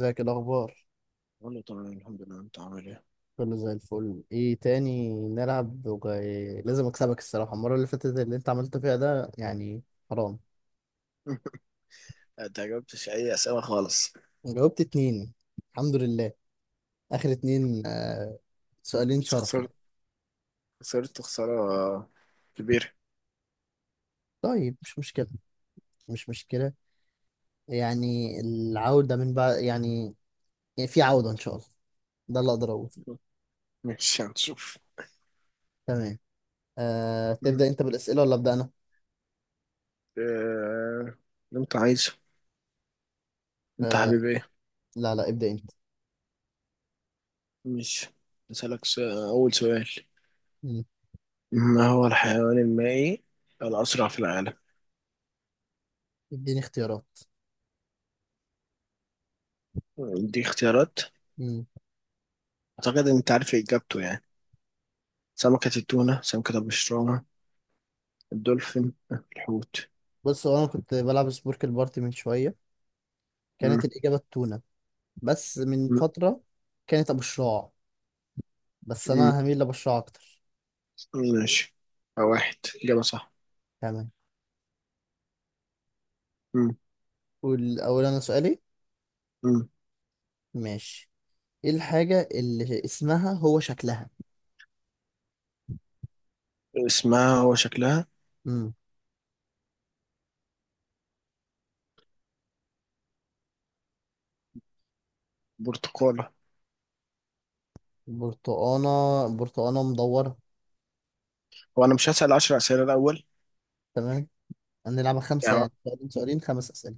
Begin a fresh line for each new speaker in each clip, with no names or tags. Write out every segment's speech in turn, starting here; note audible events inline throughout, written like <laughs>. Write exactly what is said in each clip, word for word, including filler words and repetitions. ازيك؟ إيه الاخبار؟
والله تمام، الحمد لله. انت عامل ايه؟
كله زي الفل. ايه تاني نلعب، وجاي لازم اكسبك. الصراحه المره اللي فاتت اللي انت عملته فيها ده يعني حرام.
<laughs> انت جاوبتش اي اسئله خالص.
جاوبت اتنين، الحمد لله. اخر اتنين، آه، سؤالين
بس
شرف يعني.
خسرت خسرت خساره كبيره.
طيب، مش مشكله، مش مشكله. يعني العوده من بعد يعني يعني في عوده ان شاء الله. ده اللي اقدر اقوله.
<laughs> مش هنشوف.
تمام. آه،
مم.
تبدا انت بالاسئله ولا ابدا انا؟
آه، اللي انت عايزه. انت
آه،
حبيب ايه؟
لا لا، ابدا انت.
مش اسالك س- اول سؤال.
مم.
ما هو الحيوان المائي الاسرع في العالم؟
اديني اختيارات.
دي اختيارات.
مم.
اعتقد ان انت عارف اجابته يعني. سمكه التونه، سمكه البشرانه، الدولفين، الحوت.
بص، هو انا كنت بلعب سبورك البارتي من شويه،
مم.
كانت الإجابة التونة، بس من
مم.
فترة كانت أبو الشراع، بس
مم.
أنا هميل لأبو الشراع أكتر.
ماشي، واحد اجابه صح.
تمام.
مم.
قول أول أنا سؤالي.
مم.
ماشي. إيه الحاجة اللي اسمها هو شكلها؟
اسمها وشكلها.
امم
برتقالة.
برتقانة، برتقانة مدورة.
هو أنا مش هسأل عشر أسئلة الأول؟
تمام. هنلعبها خمسة،
يعني،
يعني سؤالين سؤالين، خمس أسئلة.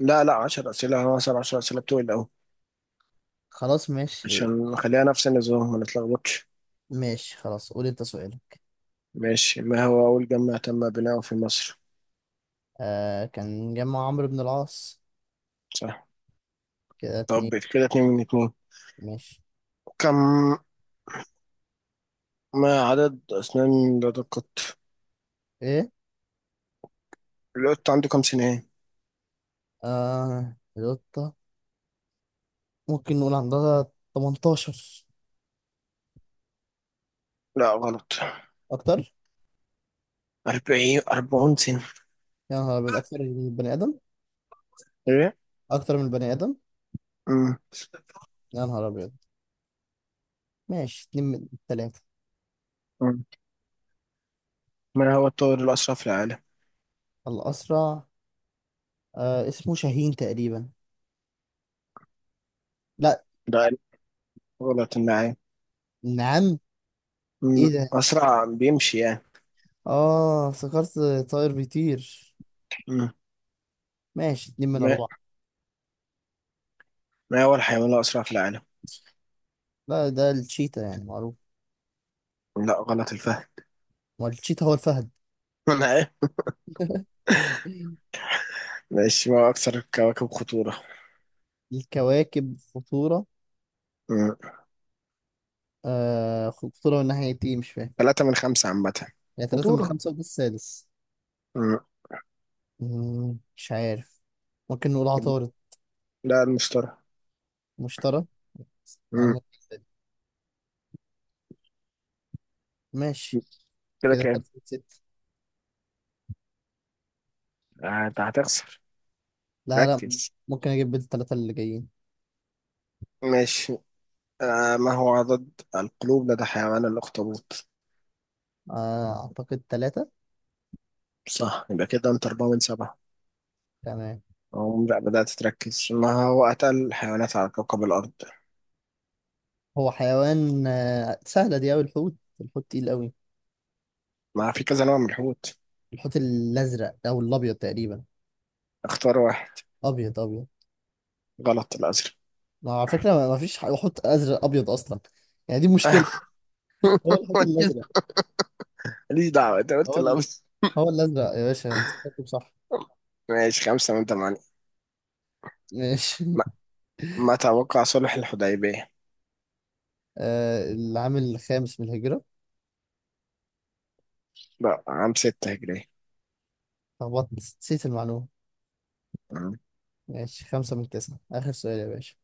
لا لا، عشر أسئلة، أنا هسأل عشر أسئلة بتوعي الأول،
خلاص ماشي.
عشان نخليها نفس النظام ما نتلخبطش.
ماشي خلاص، قول أنت سؤالك.
ماشي. ما هو أول جامع تم بناؤه في مصر؟
آه، كان جمع عمرو بن العاص.
صح.
كده اتنين.
طب كده اتنين من اتنين.
ماشي.
كم ما عدد أسنان لدى القط؟
إيه؟
القط عنده كم سنة؟
آه القطة، ممكن نقول عندها تمنتاشر.
لا، غلط،
أكتر.
أربعين، أربعون سنة.
يا نهار أبيض، أكتر من البني آدم.
إيه؟
أكتر من البني آدم.
أمم،
يا نهار أبيض. ماشي، اتنين من التلاتة.
أمم. ما هو الطائر الأسرع في العالم؟
الأسرع؟ آه، اسمه شاهين تقريبا. لا.
ده غلط، النعام.
نعم. إيه
أمم،
ده؟
أسرع بيمشي يعني.
آه افتكرت، طائر بيطير. ماشي، اتنين من
أمم.
أربعة.
ما هو الحيوان الأسرع في العالم؟
لا، ده الشيتا، يعني معروف.
لا غلط، الفهم.
ما الشيتا هو الفهد.
<laughs> أنا إيه؟ ماشي، ما هو أكثر الكواكب خطورة؟
الكواكب خطورة؟
مم.
آه، خطورة من ناحية إيه؟ مش فاهم.
ثلاثة من خمسة عامة.
يعني تلاتة من
خطورة.
خمسة، وده السادس.
مم.
مم، مش عارف. ممكن نقول عطارد.
لا، المشتري.
مشترى.
مم.
معلومة جديدة دي. ماشي.
كده
كده
كام؟
تلاتة.
آه، أنت هتخسر.
لا لا.
ركز.
ممكن اجيب بيت الثلاثة اللي جايين.
ماشي. آه، ما هو عدد القلوب لدى حيوان الأخطبوط؟
آه، اعتقد ثلاثة.
صح، يبقى كده أنت أربعة من سبعة.
تمام.
أو لا، بدأت تركز؟ ما هو أتقل الحيوانات على كوكب الأرض؟
هو حيوان آه، سهلة دي اوي، الحوت. الحوت تقيل اوي.
ما في كذا نوع من الحوت.
الحوت الازرق او الابيض تقريبا.
اختار واحد.
ابيض، ابيض.
غلط، الأزرق.
ما على فكرة، ما ما فيش ح- حوت ازرق ابيض اصلا. يعني دي مشكلة. هو
<laughs>
الحوت
ماليش
الازرق.
ماليش دعوة، أنت قلت
هو
الأبيض.
ال... هو الازرق يا باشا، هتتكتب صح.
ماشي، خمسة من ثمانية.
ماشي.
ما,
<laughs>
ما توقع صلح الحديبية؟
آه، العام الخامس من الهجرة.
لا، عام ستة هجرية.
لخبطت، نسيت المعلومة.
مم.
ماشي، خمسة من تسعة. آخر سؤال يا باشا.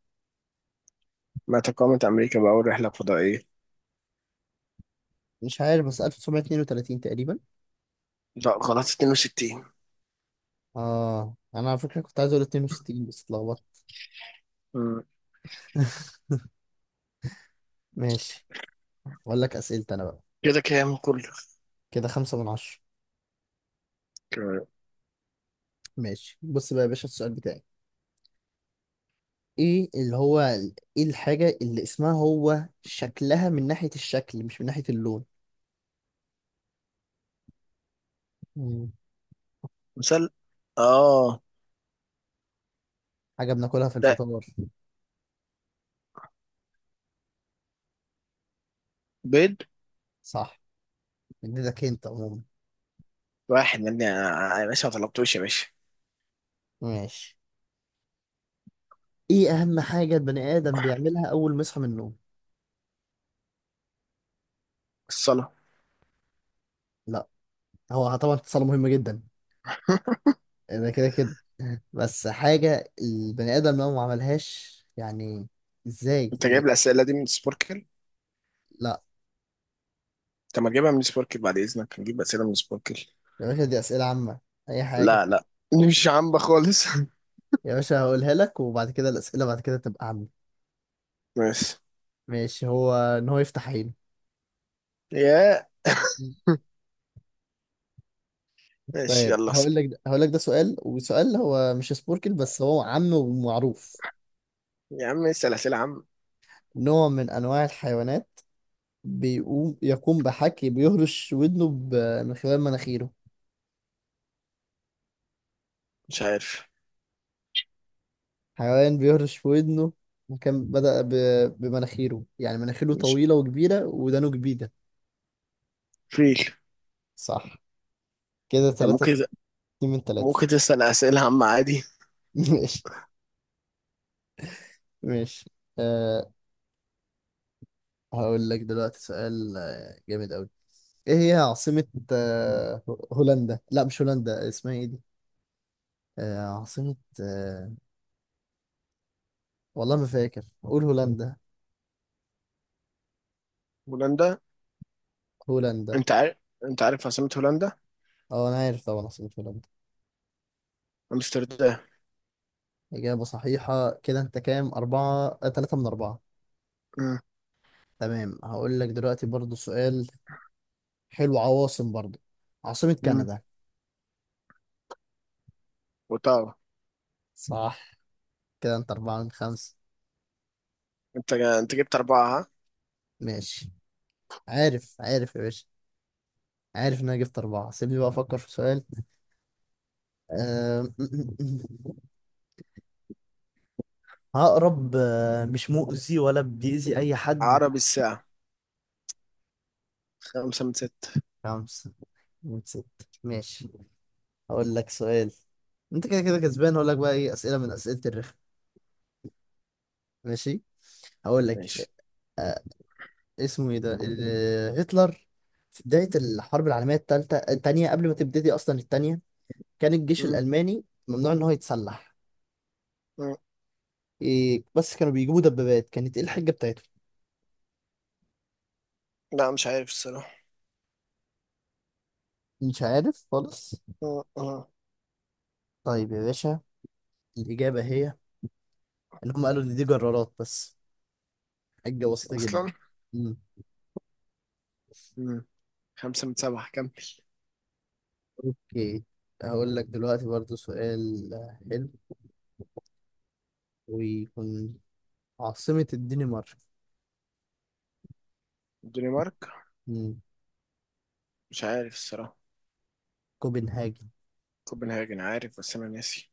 ما تقامت أمريكا بأول رحلة فضائية؟
مش عارف، بس ألف وتسعمية واتنين وتلاتين تقريبا.
لا، غلط، اتنين وستين.
اه انا على فكرة كنت عايز اقول اتنين وستين بس اتلخبطت.
مم.
<laughs> ماشي. اقول لك اسئلتي انا بقى.
كده كام كله؟
كده خمسة من عشرة.
كام؟
ماشي، بص بقى يا باشا، السؤال بتاعي. ايه اللي هو، ايه الحاجة اللي اسمها هو شكلها، من ناحية الشكل مش من ناحية اللون؟ مم.
مثال. اه
حاجة بناكلها في
لا،
الفطار.
بيض.
صح. اديتك انت عموما.
واحد من، يا باشا ما طلبتوش يا باشا.
ماشي. ايه اهم حاجة البني ادم بيعملها اول ما يصحى من النوم؟
الصلاة.
لا. هو طبعا اتصال مهم جدا،
<laughs>
ده كده كده، بس حاجة البني آدم لو ما عملهاش يعني. ازاي؟
انت جايب الأسئلة دي من سبوركل؟
لا.
طب ما تجيبها من سبوركل بعد إذنك، نجيب أسئلة من سبوركل.
يا باشا دي أسئلة عامة، أي حاجة.
لا لا، دي مش عامة خالص. <laughs>
يا باشا هقولها لك، وبعد كده الأسئلة بعد كده تبقى عامة.
ماشي.
ماشي. هو إن هو يفتح عينه.
يا <laughs> ماشي،
طيب
يلا اسأل.
هقول لك، هقول لك ده سؤال، وسؤال هو مش سبوركل، بس هو عام ومعروف.
يا عم اسأل أسئلة عامة.
نوع من أنواع الحيوانات، بيقوم يقوم بحكي بيهرش ودنه ب- من خلال مناخيره.
مش عارف.
حيوان بيهرش في ودنه، وكان بدأ ب... بمناخيره، يعني مناخيره
مش
طويلة وكبيرة، ودانه كبيرة.
فيل.
صح. كده
طب
تلاتة.
ممكن،
اتنين من تلاتة.
ممكن تسأل أسئلة عامة عادي.
<laughs> ماشي. ماشي. أه هقول لك دلوقتي سؤال آه، جامد أوي. ايه هي عاصمة أه هولندا؟ لا، مش هولندا. اسمها ايه دي؟ أه، عاصمة. أه والله ما فاكر، قول هولندا.
هولندا.
هولندا.
أنت عارف أنت عارف عاصمة هولندا.
اه انا عارف طبعا عاصمة هولندا.
أمستردام.
إجابة صحيحة. كده انت كام؟ أربعة. آه، تلاتة من أربعة.
أمم،
تمام، هقول لك دلوقتي برضو سؤال حلو، عواصم برضه. عاصمة
أمم.
كندا.
وطبعا،
صح. كده انت أربعة من خمسة.
أنت أنت جبت أربعة ها؟
ماشي. عارف عارف يا باشا، عارف إن أنا جبت أربعة. سيبني بقى أفكر في سؤال. أه... <laughs> عقرب، آه، مش مؤذي ولا بيأذي أي حد.
عربي الساعة. خمسة من ستة.
خمسة من ستة. ماشي، هقول لك سؤال. أنت كده كده كسبان. هقول لك بقى إيه؟ أسئلة من أسئلة الرخ. ماشي. هقول لك.
ماشي.
أه... اسمه إيه ده، ال- هتلر، في بداية الحرب العالمية التالتة التانية، قبل ما تبتدي أصلا التانية، كان الجيش
أمم،
الألماني ممنوع إن هو يتسلح.
أمم.
إيه بس كانوا بيجيبوا دبابات؟ كانت إيه الحجة بتاعتهم؟
لا مش عارف الصراحة.
مش عارف خالص.
أمم، أمم.
طيب يا باشا، الإجابة هي إن هم قالوا إن دي جرارات بس. حجة بسيطة جدا.
أصلا.
مم.
أمم. خمسة من سبعة كم؟
أوكي، هقول لك دلوقتي برضو سؤال حلو، ويكون عاصمة الدنمارك.
الدنمارك.
مم.
مش عارف الصراحة.
كوبنهاجن.
كوبنهاجن، عارف بس أنا ناسي.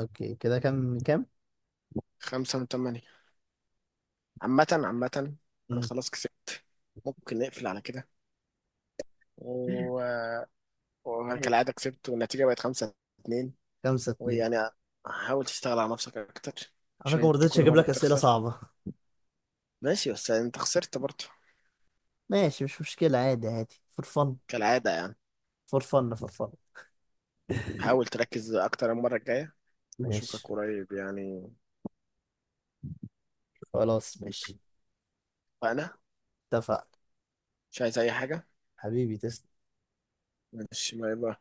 أوكي، كده كام؟ كام؟
خمسة من تمانية. عامة، عامة. أنا
مم.
خلاص كسبت، ممكن نقفل على كده. و وأنا
ماشي.
كالعادة كسبت، والنتيجة بقت خمسة اتنين.
خمسة اتنين.
ويعني، حاول تشتغل على نفسك أكتر،
على
عشان
فكرة ما
أنت
رضيتش
كل
أجيب
مرة
لك أسئلة
بتخسر.
صعبة.
ماشي بس يعني أنت خسرت برضه،
ماشي، مش مشكلة، عادي عادي. فور فن
كالعادة يعني.
فور فن فور فن
حاول تركز أكتر المرة الجاية، وأشوفك
ماشي.
قريب يعني.
خلاص ماشي.
وأنا
اتفق.
مش عايز أي حاجة.
حبيبي تسلم.
ماشي، باي باي.